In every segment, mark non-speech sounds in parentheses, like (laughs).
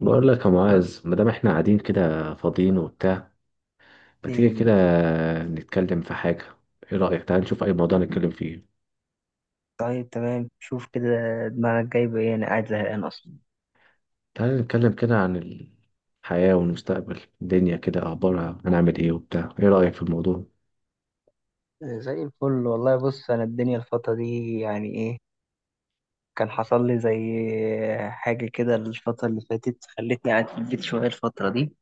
بقول لك يا معاذ، ما دام احنا قاعدين كده فاضيين وبتاع، ما تيجي إيه، كده نتكلم في حاجة. ايه رأيك؟ تعال نشوف اي موضوع نتكلم فيه. طيب تمام شوف كده. دماغك جايبة إيه؟ أنا قاعد زهقان أصلا. تعال نتكلم كده عن الحياة والمستقبل، الدنيا كده اخبارها، هنعمل ايه وبتاع؟ ايه رأيك في الموضوع؟ إيه، زي الفل والله. بص، أنا الدنيا الفترة دي يعني إيه، كان حصل لي زي حاجة كده الفترة اللي فاتت خلتني قاعد في البيت شوية الفترة دي،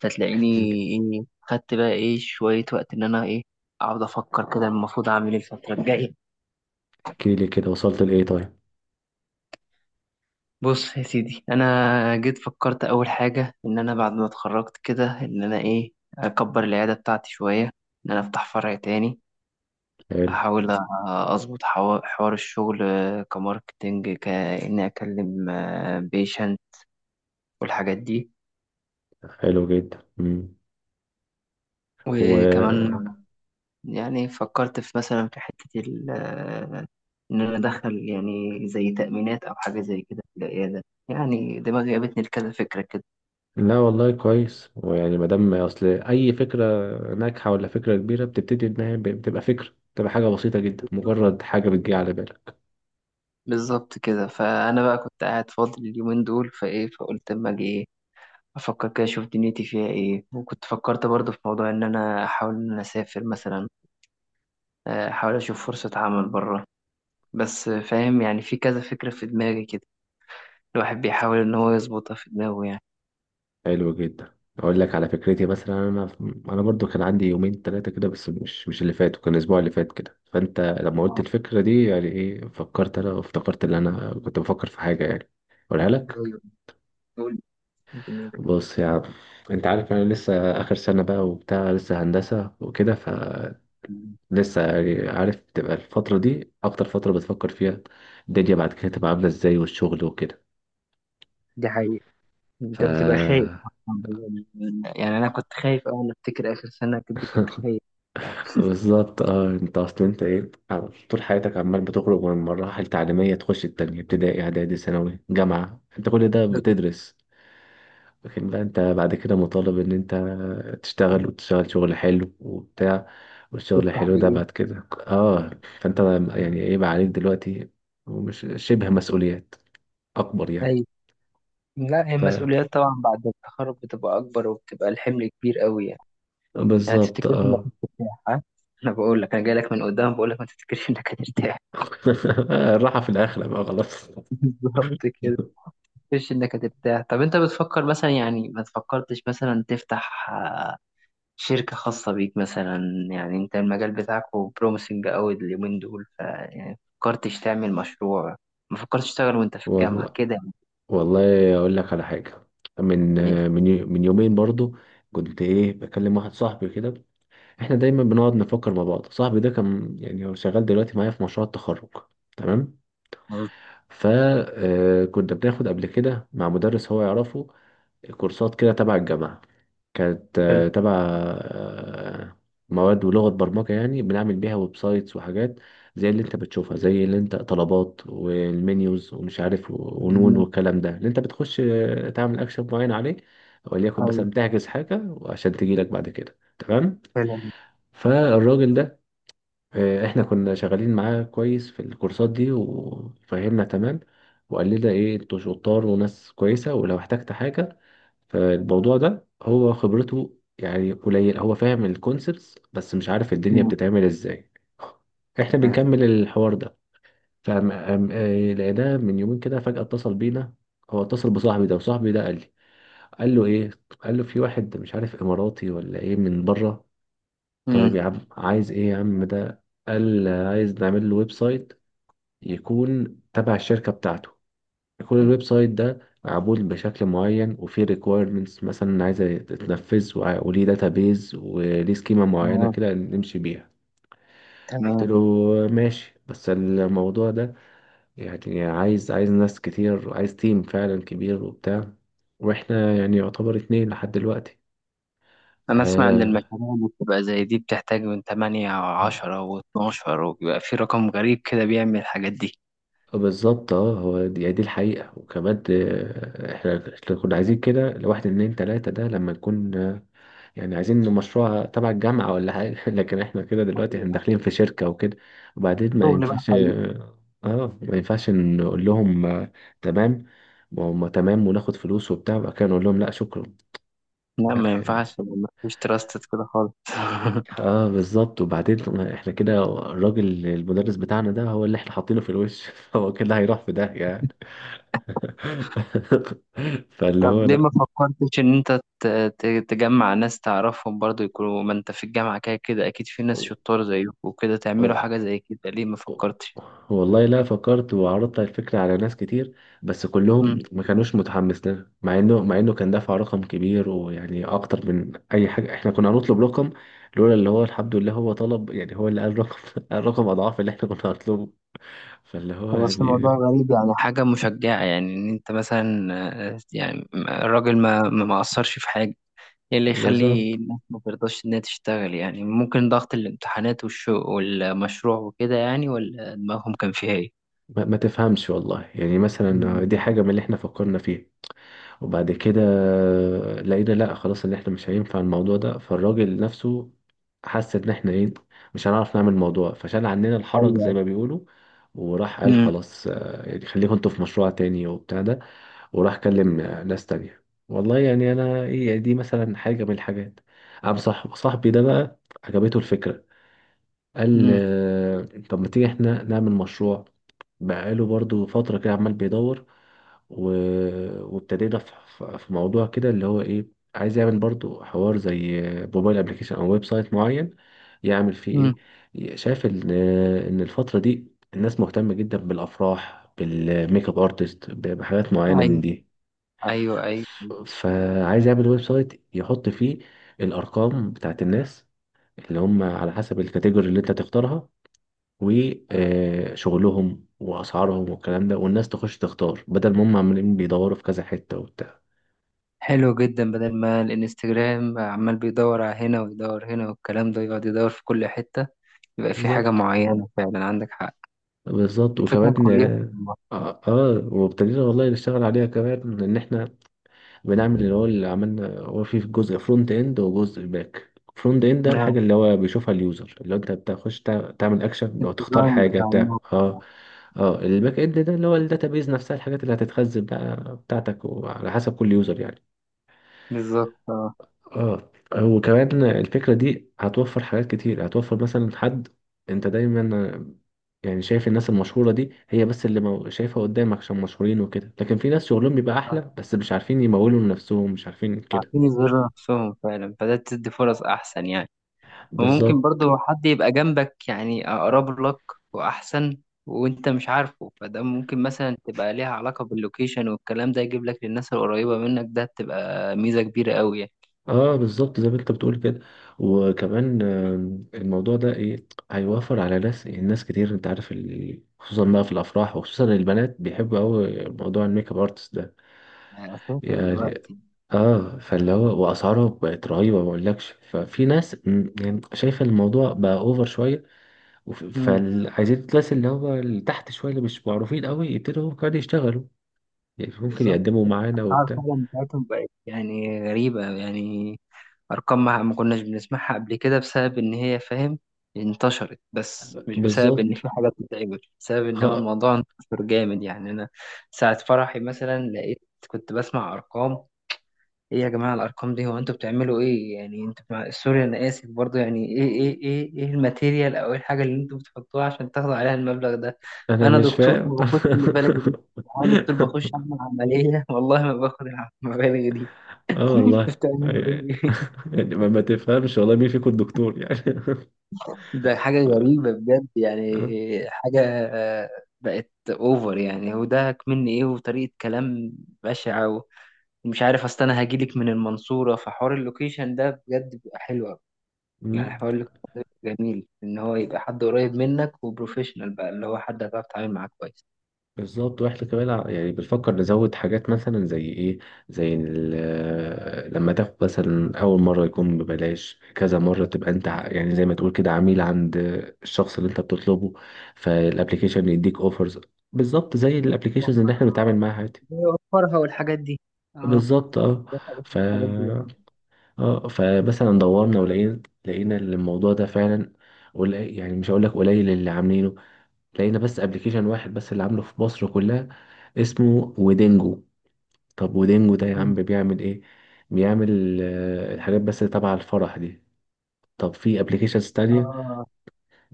فتلاقيني احكي لي. إيه خدت بقى إيه شوية وقت إن أنا إيه أقعد أفكر كده المفروض أعمل إيه الفترة الجاية. احكي لي كده، وصلت لايه طيب؟ بص يا سيدي، أنا جيت فكرت أول حاجة إن أنا بعد ما اتخرجت كده إن أنا إيه أكبر العيادة بتاعتي شوية، إن أنا أفتح فرع تاني. حلو. احاول اظبط حوار الشغل، آه، كماركتينج كاني اكلم بيشنت والحاجات دي. حلو جدا. مم. وكمان و يعني فكرت في مثلا في حتة ال- آه، ان انا ادخل يعني زي تأمينات او حاجة زي كده في العيادة. يعني دماغي جابتني لكذا فكرة كده. لا والله كويس، ويعني ما دام اصل اي فكرة ناجحة ولا فكرة كبيرة بتبتدي انها بتبقى فكرة، بتبقى حاجة بسيطة جدا، مجرد حاجة بتجي على بالك. بالظبط كده، فانا بقى كنت قاعد فاضي اليومين دول فايه، فقلت اما اجي ايه افكر كده اشوف دنيتي فيها ايه. وكنت فكرت برضه في موضوع ان انا احاول ان انا اسافر مثلا، احاول اشوف فرصة عمل بره. بس فاهم يعني في كذا فكرة في دماغي كده، الواحد بيحاول ان هو يظبطها في دماغه يعني. حلو جدا. اقول لك على فكرتي مثلا، انا انا برضو كان عندي يومين ثلاثه كده، بس مش اللي فات، وكان الاسبوع اللي فات كده. فانت لما قلت آه، الفكره دي يعني ايه، فكرت انا وافتكرت ان انا كنت بفكر في حاجه، يعني اقولها لك. أيوة. قول. بص يا عم، انت عارف انا لسه اخر سنه بقى وبتاع، لسه هندسه وكده، فلسه يعني عارف تبقى الفتره دي اكتر فتره بتفكر فيها الدنيا بعد كده تبقى عامله ازاي والشغل وكده. دي حقيقة. ف أنت بتبقى خايف يعني. أنا كنت خايف أوي، أنا أفتكر آخر سنة كنت خايف. بالظبط اه. انت اصلا انت ايه، طول حياتك عمال بتخرج من مراحل تعليميه تخش التانية، ابتدائي اعدادي ثانوي جامعه، انت كل ده ده كنت بتدرس. لكن بقى انت بعد كده مطالب ان انت تشتغل، وتشتغل شغل حلو وبتاع، والشغل بفتح الحلو ده بإيه؟ بعد كده اه، فانت يعني ايه بقى عليك دلوقتي، ومش شبه مسؤوليات اكبر يعني؟ خايف. لا، هي ف المسؤوليات طبعا بعد التخرج بتبقى أكبر وبتبقى الحمل كبير أوي يعني. يعني بالظبط تفتكرش إنك اه. هترتاح ها؟ انا بقول لك، انا جاي لك من قدام بقول لك ما تفتكرش انك هترتاح. (laughs) الراحه في الاخره بقى خلاص. (laughs) بالظبط كده. مش انك هتبتاع. طب انت بتفكر مثلا، يعني ما تفكرتش مثلا تفتح، آه، شركة خاصة بيك مثلا؟ يعني انت المجال بتاعك بروميسنج قوي اليومين دول، ف يعني فكرتش تعمل مشروع؟ ما فكرتش تشتغل وانت في الجامعة والله، كده؟ والله اقول لك على حاجه. من يعني من يومين برضو كنت ايه بكلم واحد صاحبي كده. احنا دايما بنقعد نفكر مع بعض. صاحبي ده كان يعني هو شغال دلوقتي معايا في مشروع التخرج، تمام؟ مم. فكنا بناخد قبل كده مع مدرس هو يعرفه كورسات كده تبع الجامعه. كانت حلو. تبع مواد ولغة برمجة، يعني بنعمل بيها ويب سايتس وحاجات زي اللي انت بتشوفها، زي اللي انت طلبات والمنيوز ومش عارف ونون مم. والكلام ده، اللي انت بتخش تعمل اكشن معين عليه، وليكن أيوة، مثلا بتحجز حاجة وعشان تجيلك بعد كده، تمام. حلو. فالراجل ده احنا كنا شغالين معاه كويس في الكورسات دي، وفهمنا تمام، وقال لنا ايه، انتوا شطار وناس كويسة، ولو احتجت حاجة. فالموضوع ده هو خبرته يعني قليل، هو فاهم الكونسبتس بس مش عارف الدنيا مم. بتتعمل ازاي. احنا بنكمل الحوار ده، فلقيناه من يومين كده فجأة اتصل بينا. هو اتصل بصاحبي ده، وصاحبي ده قال لي، قال له ايه، قال له في واحد مش عارف اماراتي ولا ايه من بره. طيب مم. يا عم عايز ايه يا عم؟ ده قال عايز نعمل له ويب سايت يكون تبع الشركة بتاعته. كل الويب سايت ده معمول بشكل معين، وفيه requirements مثلا عايزة تتنفذ، وليه داتابيز وليه سكيمة معينة آه، كده نمشي بيها. قلت تمام. له ماشي، بس الموضوع ده يعني عايز ناس كتير، وعايز تيم فعلا كبير وبتاع، واحنا يعني يعتبر اتنين لحد دلوقتي. أنا أسمع إن آه، المشاريع اللي بتبقى زي دي بتحتاج من 8 أو 10 و12، وبيبقى في رقم غريب كده بيعمل الحاجات دي. بالظبط اه. هو دي، يعني دي الحقيقة. وكمان احنا كنا عايزين كده لواحد اتنين تلاتة، ده لما نكون يعني عايزين إنه مشروع تبع الجامعة ولا حاجة. (laughs) لكن احنا كده دلوقتي احنا داخلين في شركة وكده، وبعدين ما شغل ينفعش. بقى. اه ما ينفعش نقول لهم تمام وهم تمام، وناخد فلوس وبتاع، وبعد كده نقول لهم لا شكرا. لا، لا ما يعني، ينفعش، ما فيش تراستد كده خالص. (laughs) اه بالظبط. وبعدين احنا كده الراجل المدرس بتاعنا ده هو اللي احنا حاطينه في الوش، (laughs) هو كده هيروح في داهية يعني. (laughs) فاللي طب ليه هو ما فكرتش ان انت تجمع ناس تعرفهم برضو يكونوا ما انت في الجامعة كده، كده اكيد في ناس شطار زيك وكده لا تعملوا حاجة زي كده؟ ليه ما فكرتش؟ والله، لا فكرت وعرضت الفكرة على ناس كتير، بس مم. كلهم ما كانوش متحمس لها، مع انه كان دافع رقم كبير، ويعني اكتر من اي حاجة احنا كنا هنطلب رقم. لولا اللي هو الحمد لله هو طلب، يعني هو اللي قال رقم، (laughs) الرقم اضعاف اللي احنا كنا هنطلبه. فاللي هو طب بس الموضوع يعني غريب يعني. حاجة مشجعة يعني، ان انت مثلا، آه، يعني الراجل ما اثرش في حاجة. ايه اللي يخلي بالظبط. الناس ما ترضاش انها تشتغل يعني؟ ممكن ضغط الامتحانات والشو والمشروع وكده يعني، ولا دماغهم كان فيها ايه؟ ما تفهمش والله، يعني مثلا مم. دي حاجة من اللي احنا فكرنا فيها. وبعد كده لقينا لا خلاص، ان احنا مش هينفع الموضوع ده. فالراجل نفسه حس ان احنا ايه، مش هنعرف نعمل الموضوع، فشال عننا الحرج زي أيوة. ما بيقولوا. وراح قال خلاص يعني خليكم انتوا في مشروع تاني وبتاع ده. وراح كلم ناس تانية. والله يعني انا ايه، يعني دي مثلا حاجة من الحاجات. قام صاحبي ده بقى عجبته الفكرة، قال امم. طب ما تيجي احنا نعمل مشروع. بقاله برضو فترة كده عمال بيدور و... وابتدينا في... في موضوع كده اللي هو ايه، عايز يعمل برضو حوار زي موبايل ابلكيشن او ويب سايت معين، يعمل امم. فيه ايه، شايف ان ان الفترة دي الناس مهتمة جدا بالافراح، بالميك اب ارتست، بحاجات معينة ايوه، من دي. ايوه، ايوه. فعايز يعمل ويب سايت، يحط فيه الارقام بتاعت الناس اللي هم على حسب الكاتيجوري اللي انت تختارها، وشغلهم واسعارهم والكلام ده، والناس تخش تختار، بدل ما هم عمالين بيدوروا في كذا حته وبتاع. حلو جدا، بدل ما الانستجرام عمال بيدور على هنا ويدور هنا والكلام ده، يقعد يدور في كل حتة. يبقى في حاجة بالظبط. معينة فعلا، عندك حق. بالظبط فكرة وكمان كويسة اه. والله. وابتدينا والله نشتغل عليها، كمان ان احنا بنعمل اللي هو، اللي عملنا هو في جزء فرونت اند وجزء باك فرونت اند. ده آه، الحاجه اللي هو بيشوفها اليوزر، اللي هو انت بتخش تعمل اكشن، لو تختار الديزاين حاجه بتاع بتاع الموقع. اه. اه الباك اند ده اللي هو الداتابيز نفسها، الحاجات اللي هتتخزن بقى بتاعتك وعلى حسب كل يوزر يعني. بالظبط اه. اه. وكمان الفكرة دي هتوفر حاجات كتير، هتوفر مثلا حد، انت دايما يعني شايف الناس المشهورة دي هي بس اللي شايفها قدامك عشان مشهورين وكده، لكن في ناس شغلهم بيبقى صح. احلى بس مش عارفين يمولوا لنفسهم، مش عارفين كده. عارفين يظهروا نفسهم فعلا، فده تدي فرص أحسن يعني. وممكن بالظبط برضه حد يبقى جنبك يعني أقرب لك وأحسن وأنت مش عارفه، فده ممكن مثلا تبقى ليها علاقة باللوكيشن والكلام ده، يجيب لك للناس القريبة منك. ده تبقى ميزة كبيرة أوي يعني. اه. بالظبط زي ما انت بتقول كده. وكمان الموضوع ده ايه، هيوفر على ناس، الناس كتير انت عارف ال... خصوصا بقى في الافراح، وخصوصا البنات بيحبوا قوي موضوع الميك اب ارتست يعني أساسي ده. دلوقتي. اه فاللي هو واسعاره بقت رهيبه ما اقولكش. ففي ناس يعني شايفه الموضوع بقى اوفر شويه. مم، فعايزين الناس اللي هو اللي تحت شويه اللي مش معروفين قوي يبتدوا هم كمان يشتغلوا، يعني ممكن بالظبط. يقدموا معانا الأسعار وبتاع. فعلا بتاعتهم بقت يعني غريبة يعني. أرقام ما كناش بنسمعها قبل كده، بسبب إن هي فاهم انتشرت، بس مش بسبب إن بالظبط في حاجة بتتعمل، بسبب إن هو خ- الموضوع انتشر جامد يعني. أنا ساعة فرحي مثلا لقيت، كنت بسمع أرقام. إيه يا جماعة الأرقام دي؟ هو أنتوا بتعملوا إيه يعني؟ أنتوا مع، سوري أنا آسف برضو، يعني إيه الماتيريال، أو إيه الحاجة اللي أنتوا بتحطوها عشان تاخدوا عليها المبلغ ده؟ انا أنا مش دكتور فاهم. ما باخدش المبالغ دي. أنا دكتور (laughs) بخش أعمل عملية (laughs) والله ما باخد المبالغ دي. اه (laughs) والله، بتعملوا إيه؟ يعني ما تفهمش والله مين فيكم الدكتور يعني. ده (laughs) حاجة ف... غريبة بجد يعني. آه. حاجة، آه، بقت اوفر يعني. هو ده مني ايه، وطريقة كلام بشعة. ومش عارف، اصل انا هجيلك من المنصورة، فحوار اللوكيشن ده بجد بيبقى حلو أوي. يعني مم. حوار اللوكيشن ده بيبقى جميل، ان هو يبقى حد قريب منك وبروفيشنال بقى، اللي هو حد هتعرف تتعامل معاه كويس. بالظبط. واحنا كمان يعني بنفكر نزود حاجات مثلا زي ايه، زي لما تاخد مثلا اول مره يكون ببلاش، كذا مره تبقى انت يعني زي ما تقول كده عميل عند الشخص اللي انت بتطلبه، فالابليكيشن يديك اوفرز، بالظبط زي الابليكيشنز اللي احنا بنتعامل معاها عادي. يوفرها والحاجات دي. اه، بالظبط اه. ده حاجة ف من الحاجات دي يعني. اه فمثلا دورنا ولقينا، لقينا الموضوع ده فعلا قليل، يعني مش هقول لك قليل اللي عاملينه، لقينا بس ابليكيشن واحد بس اللي عامله في مصر كلها، اسمه ويدنجو. طب ودينجو ده يا عم مم. بيعمل ايه؟ بيعمل الحاجات بس تبع الفرح دي. طب في ابلكيشنز تانية؟ اه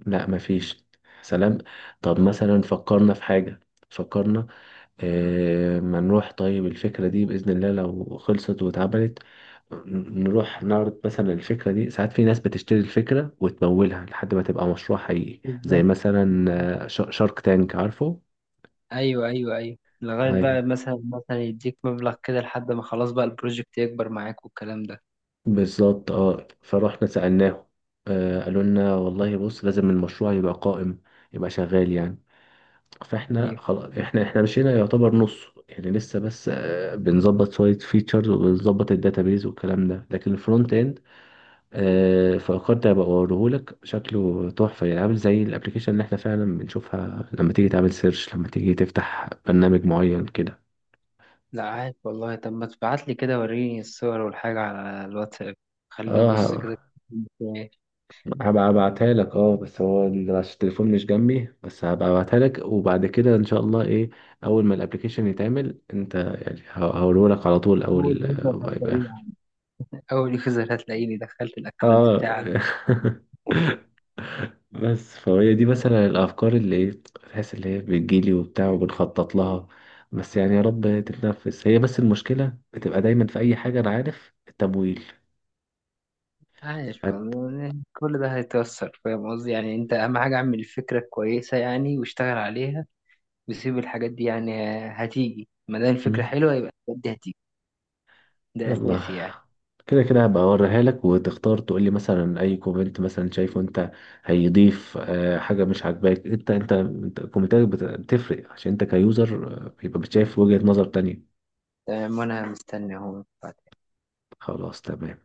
لا مفيش. سلام. طب مثلا فكرنا في حاجة. فكرنا ما نروح، طيب الفكرة دي بإذن الله لو خلصت واتعملت، نروح نعرض مثلا الفكرة دي، ساعات في ناس بتشتري الفكرة وتمولها لحد ما تبقى مشروع حقيقي، بالظبط. زي مثلا شارك تانك عارفه. ايوه ايوه ايوه، لغايه هاي. بقى مثلا مثلا يديك مبلغ كده لحد ما خلاص بقى البروجكت يكبر معاك والكلام ده. بالظبط اه. فرحنا سألناهم، آه قالوا لنا والله بص لازم المشروع يبقى قائم، يبقى شغال يعني. فاحنا ايوه. خلاص احنا مشينا يعتبر نص يعني، لسه بس آه بنظبط شوية فيتشرز وبنظبط الداتابيز والكلام ده. لكن الفرونت اند آه فكرت ابقى اوريهولك، شكله تحفة يعني، عامل زي الابلكيشن اللي احنا فعلا بنشوفها لما تيجي تعمل سيرش، لما تيجي تفتح برنامج معين كده. لا عارف والله. طب ما تبعت لي كده وريني الصور والحاجه على الواتساب، خلينا ابص اه كده. هبقى ابعتها لك اه، بس هو عشان التليفون مش جنبي، بس هبقى ابعتها لك، وبعد كده ان شاء الله ايه، اول ما الابلكيشن يتعمل انت يعني هقوله لك على طول، اول اول يوزر ما يبقى اخر هتلاقيني. اول يوزر هتلاقيني دخلت الاكونت اه. بتاعك. (laughs) بس فهي دي مثلا الافكار اللي ايه، تحس اللي هي بتجيلي وبتاع وبنخطط لها، بس يعني يا رب تتنفس هي، بس المشكلة بتبقى دايما في اي حاجة انا عارف، التمويل. عايش هت- والله، كل ده هيتوصل. فاهم قصدي يعني، انت اهم حاجه اعمل الفكره كويسه يعني، واشتغل عليها وسيب الحاجات دي يعني، هتيجي. ما دام الفكره حلوه، يبقى الحاجات دي هتيجي. ده يلا اساسي يعني. كده كده هبقى اوريها لك، وتختار تقول لي مثلا اي كومنت مثلا شايفه انت، هيضيف حاجه مش عاجباك، انت كومنتاتك بتفرق عشان انت كيوزر بيبقى بتشايف وجهه نظر تانية. تمام، وانا مستني اهو. خلاص تمام.